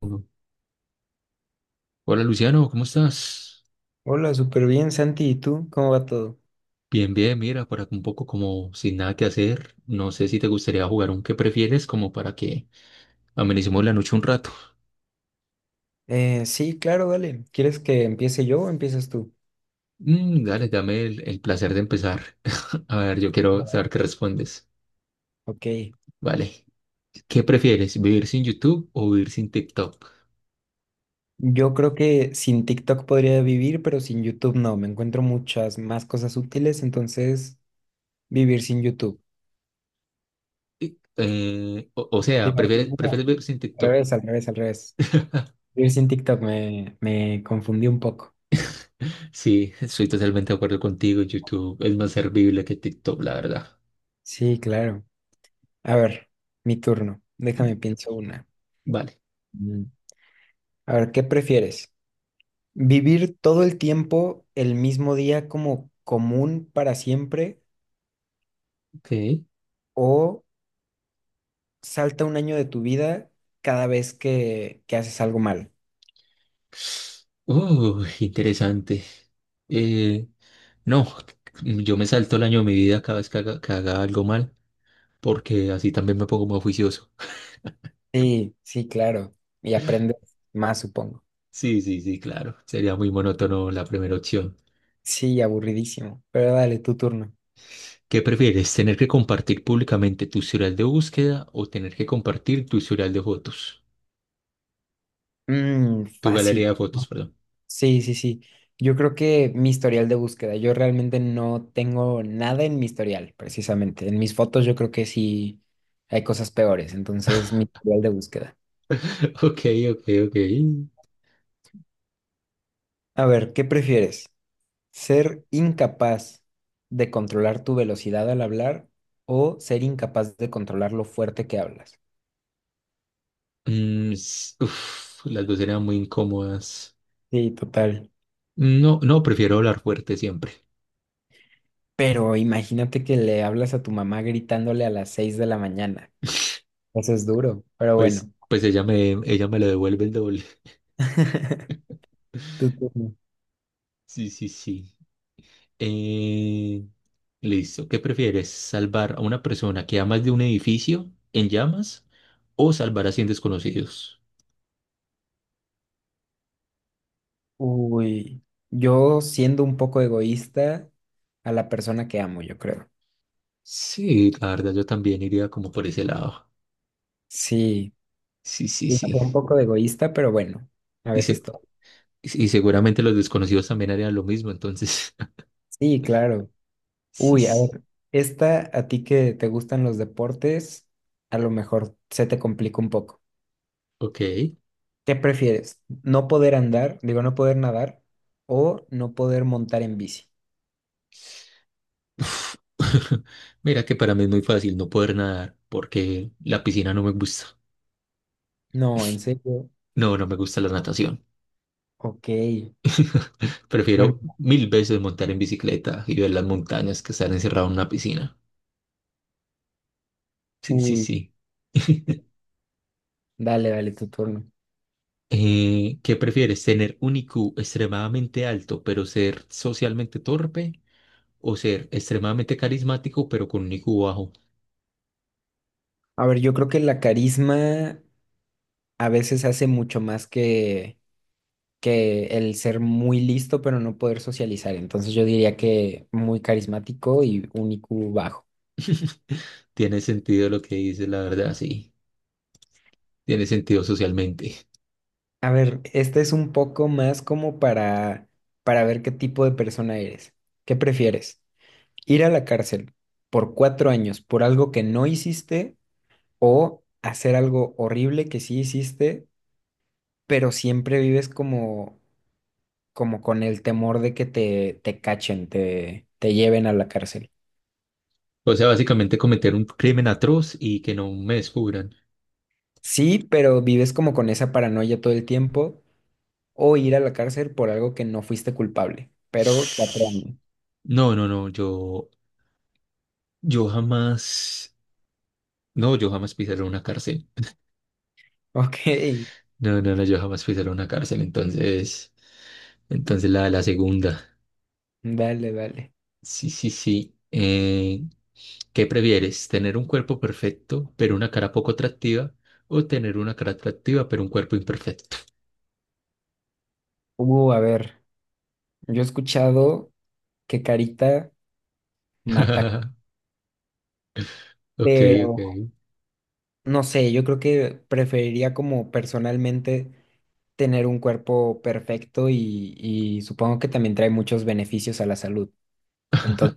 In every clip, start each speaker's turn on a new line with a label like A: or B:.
A: Uno. Hola Luciano, ¿cómo estás?
B: Hola, súper bien, Santi. ¿Y tú? ¿Cómo va todo?
A: Bien, bien, mira, por acá un poco como sin nada que hacer. No sé si te gustaría jugar un qué prefieres, como para que amenicemos la noche un rato.
B: Sí, claro, dale. ¿Quieres que empiece yo o empiezas tú?
A: Dale, dame el placer de empezar. A ver, yo quiero
B: Bueno.
A: saber qué respondes.
B: Ok.
A: Vale. ¿Qué prefieres, vivir sin YouTube o vivir sin TikTok?
B: Yo creo que sin TikTok podría vivir, pero sin YouTube no. Me encuentro muchas más cosas útiles, entonces vivir sin YouTube.
A: O sea,
B: Digo,
A: ¿prefieres
B: no,
A: vivir sin
B: al
A: TikTok?
B: revés, al revés, al revés. Vivir sin TikTok me confundí un poco.
A: Sí, estoy totalmente de acuerdo contigo. YouTube es más servible que TikTok, la verdad.
B: Sí, claro. A ver, mi turno. Déjame pienso una.
A: Vale.
B: Mm. A ver, ¿qué prefieres? ¿Vivir todo el tiempo el mismo día como común para siempre
A: Ok.
B: o salta un año de tu vida cada vez que haces algo mal?
A: Interesante. Eh, no, yo me salto el año de mi vida cada vez que haga algo mal, porque así también me pongo más juicioso.
B: Sí, sí, claro. Y aprendes más, supongo.
A: Sí, sí, sí, claro. Sería muy monótono la primera opción.
B: Sí, aburridísimo. Pero dale, tu turno.
A: ¿Qué prefieres, tener que compartir públicamente tu historial de búsqueda o tener que compartir tu historial de fotos? Tu galería
B: Fácil.
A: de fotos, perdón.
B: Sí, sí, sí. Yo creo que mi historial de búsqueda, yo realmente no tengo nada en mi historial, precisamente. En mis fotos yo creo que sí hay cosas peores, entonces mi historial de búsqueda.
A: Ok, ok, ok.
B: A ver, ¿qué prefieres? ¿Ser incapaz de controlar tu velocidad al hablar o ser incapaz de controlar lo fuerte que hablas?
A: Uf, las dos eran muy incómodas.
B: Sí, total.
A: No, no, prefiero hablar fuerte siempre.
B: Pero imagínate que le hablas a tu mamá gritándole a las 6 de la mañana. Eso es duro, pero
A: Pues,
B: bueno.
A: pues ella me lo devuelve el doble.
B: Tu turno.
A: Sí, sí, sí. Eh, Listo. ¿Qué prefieres? ¿Salvar a una persona que amas de un edificio en llamas o salvar a 100 desconocidos?
B: Uy, yo siendo un poco egoísta a la persona que amo, yo creo.
A: Sí, la verdad yo también iría como por ese lado.
B: Sí,
A: Sí, sí, sí.
B: un poco de egoísta, pero bueno, a
A: Y, se-
B: veces todo.
A: y seguramente los desconocidos también harían lo mismo, entonces.
B: Sí, claro.
A: Sí,
B: Uy, a
A: sí.
B: ver, esta a ti que te gustan los deportes, a lo mejor se te complica un poco.
A: Ok.
B: ¿Qué prefieres? ¿No poder andar, digo, no poder nadar o no poder montar en bici?
A: Uf. Mira que para mí es muy fácil no poder nadar porque la piscina no me gusta.
B: No, en serio.
A: No, no me gusta la natación.
B: Ok. Bueno,
A: Prefiero mil veces montar en bicicleta y ver las montañas que estar encerrado en una piscina. Sí, sí,
B: uy,
A: sí.
B: dale, dale tu turno.
A: ¿Qué prefieres? ¿Tener un IQ extremadamente alto pero ser socialmente torpe? ¿O ser extremadamente carismático pero con un IQ bajo?
B: A ver, yo creo que la carisma a veces hace mucho más que el ser muy listo, pero no poder socializar. Entonces yo diría que muy carismático y un IQ bajo.
A: Tiene sentido lo que dices, la verdad, sí. Tiene sentido socialmente.
B: A ver, este es un poco más como para ver qué tipo de persona eres. ¿Qué prefieres? ¿Ir a la cárcel por 4 años por algo que no hiciste o hacer algo horrible que sí hiciste, pero siempre vives como con el temor de que te cachen, te lleven a la cárcel?
A: O sea, básicamente cometer un crimen atroz y que no me descubran.
B: Sí, pero vives como con esa paranoia todo el tiempo o ir a la cárcel por algo que no fuiste culpable, pero 4 años.
A: No, no, no, yo jamás, no, yo jamás pisaré una cárcel.
B: Ok,
A: No, no, no, yo jamás fui solo a una cárcel, entonces, entonces la segunda.
B: dale, dale.
A: Sí, sí, sí. ¿Qué prefieres? ¿Tener un cuerpo perfecto, pero una cara poco atractiva? ¿O tener una cara atractiva, pero un cuerpo imperfecto?
B: A ver, yo he escuchado que Carita mata,
A: Ok, ok.
B: pero no sé, yo creo que preferiría como personalmente tener un cuerpo perfecto y supongo que también trae muchos beneficios a la salud. Entonces,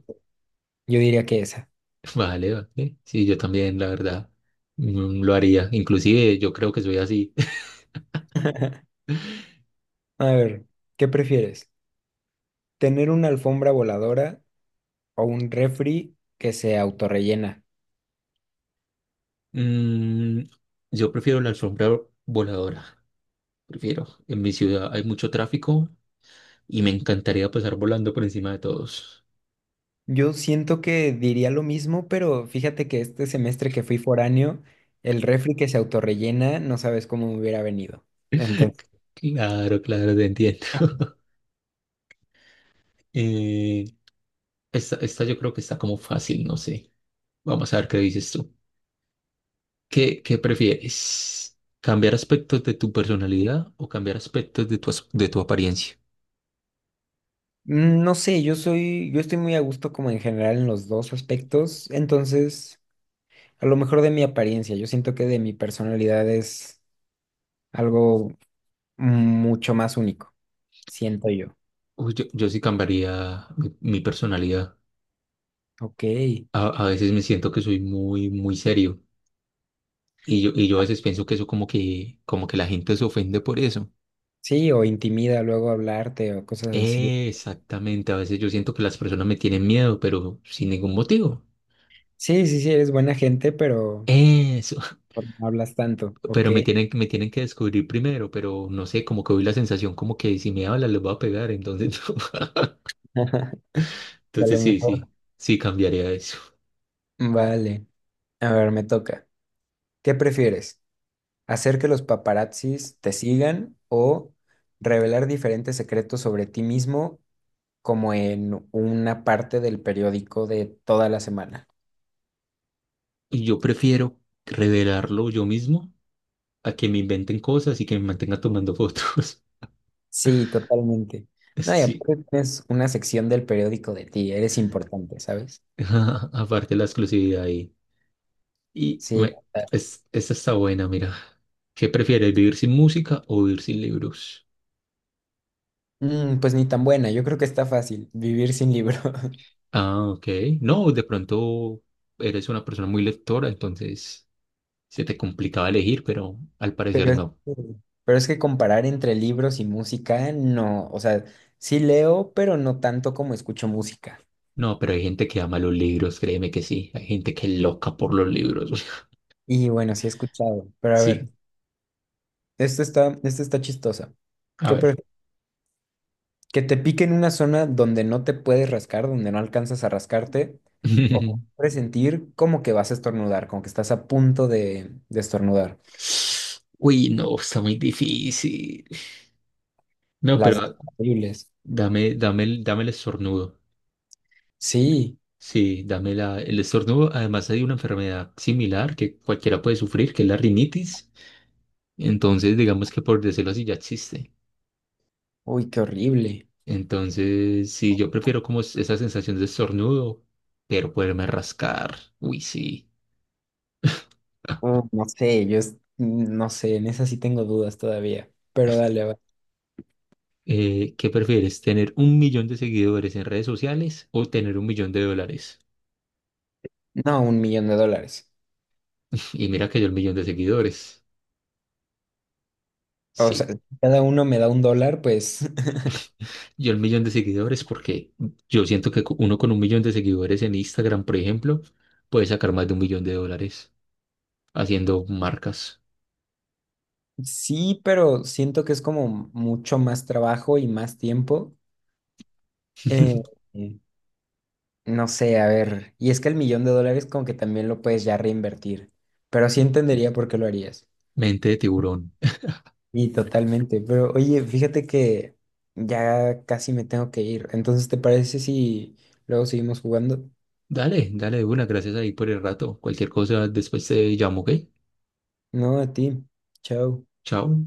B: yo diría que esa.
A: Vale, vale. Sí, yo también, la verdad, mm, lo haría. Inclusive yo creo que soy así.
B: A ver, ¿qué prefieres? ¿Tener una alfombra voladora o un refri que se autorrellena?
A: Mm, yo prefiero la alfombra voladora. Prefiero. En mi ciudad hay mucho tráfico y me encantaría pasar volando por encima de todos.
B: Yo siento que diría lo mismo, pero fíjate que este semestre que fui foráneo, el refri que se autorrellena, no sabes cómo me hubiera venido. Entonces,
A: Claro, claro, te entiendo. Eh, esta yo creo que está como fácil, no sé. Vamos a ver qué dices tú. ¿Qué prefieres? ¿Cambiar aspectos de tu personalidad o cambiar aspectos de tu apariencia?
B: mm, no sé, yo estoy muy a gusto como en general en los dos aspectos, entonces, a lo mejor de mi apariencia, yo siento que de mi personalidad es algo mucho más único, siento yo.
A: Uy, yo sí cambiaría mi personalidad.
B: Ok,
A: A veces me siento que soy muy serio. Y yo a veces pienso que eso como que la gente se ofende por eso.
B: sí, o intimida luego hablarte o cosas así.
A: Exactamente, a veces yo siento que las personas me tienen miedo, pero sin ningún motivo.
B: Sí, sí, sí, eres buena gente, pero
A: Eso.
B: no hablas tanto, ok.
A: Pero me tienen que descubrir primero, pero no sé, como que hoy la sensación como que si me hablan les voy a pegar, entonces no.
B: A lo
A: Entonces sí,
B: mejor.
A: sí, sí cambiaría eso.
B: Vale. A ver, me toca. ¿Qué prefieres? ¿Hacer que los paparazzis te sigan o revelar diferentes secretos sobre ti mismo como en una parte del periódico de toda la semana?
A: Yo prefiero revelarlo yo mismo a que me inventen cosas y que me mantenga tomando fotos.
B: Sí, totalmente. No, y
A: Sí,
B: aparte tienes una sección del periódico de ti, eres importante, ¿sabes?
A: aparte la exclusividad ahí. Y
B: Sí.
A: bueno, esa está buena, mira. ¿Qué prefieres, vivir sin música o vivir sin libros?
B: Pues ni tan buena, yo creo que está fácil vivir sin libro.
A: Ah, ok. No, de pronto eres una persona muy lectora, entonces... Se te complicaba elegir, pero al
B: Pero
A: parecer
B: es
A: no.
B: que, pero es que comparar entre libros y música, no, o sea, sí leo, pero no tanto como escucho música.
A: No, pero hay gente que ama los libros, créeme que sí. Hay gente que es loca por los libros.
B: Y bueno, sí he escuchado, pero a ver,
A: Sí,
B: esto está chistosa.
A: a
B: ¿Qué
A: ver.
B: prefieres? ¿Que te pique en una zona donde no te puedes rascar, donde no alcanzas a rascarte? ¿O presentir como que vas a estornudar, como que estás a punto de estornudar?
A: Uy, no, está muy difícil. No,
B: Las
A: pero
B: dos
A: ah,
B: horribles.
A: dame el estornudo.
B: Sí,
A: Sí, dame el estornudo. Además hay una enfermedad similar que cualquiera puede sufrir, que es la rinitis. Entonces, digamos que por decirlo así, ya existe.
B: uy, qué horrible.
A: Entonces, sí, yo prefiero esa sensación de estornudo, pero poderme rascar. Uy, sí. Ah,
B: No sé, yo no sé, en esa sí tengo dudas todavía, pero dale, va.
A: ¿Qué prefieres? ¿Tener un millón de seguidores en redes sociales o tener un millón de dólares?
B: No, 1 millón de dólares.
A: Y mira que yo el millón de seguidores.
B: O sea,
A: Sí,
B: si cada uno me da $1, pues
A: yo el millón de seguidores porque yo siento que uno con un millón de seguidores en Instagram, por ejemplo, puede sacar más de un millón de dólares haciendo marcas.
B: sí, pero siento que es como mucho más trabajo y más tiempo. Eh, eh, no sé, a ver, y es que el 1 millón de dólares como que también lo puedes ya reinvertir, pero sí entendería por qué lo harías.
A: Mente de tiburón.
B: Y totalmente, pero oye, fíjate que ya casi me tengo que ir, entonces ¿te parece si luego seguimos jugando?
A: Dale, dale de una, gracias ahí por el rato. Cualquier cosa después te llamo, ¿ok?
B: No, a ti. Chao.
A: Chao.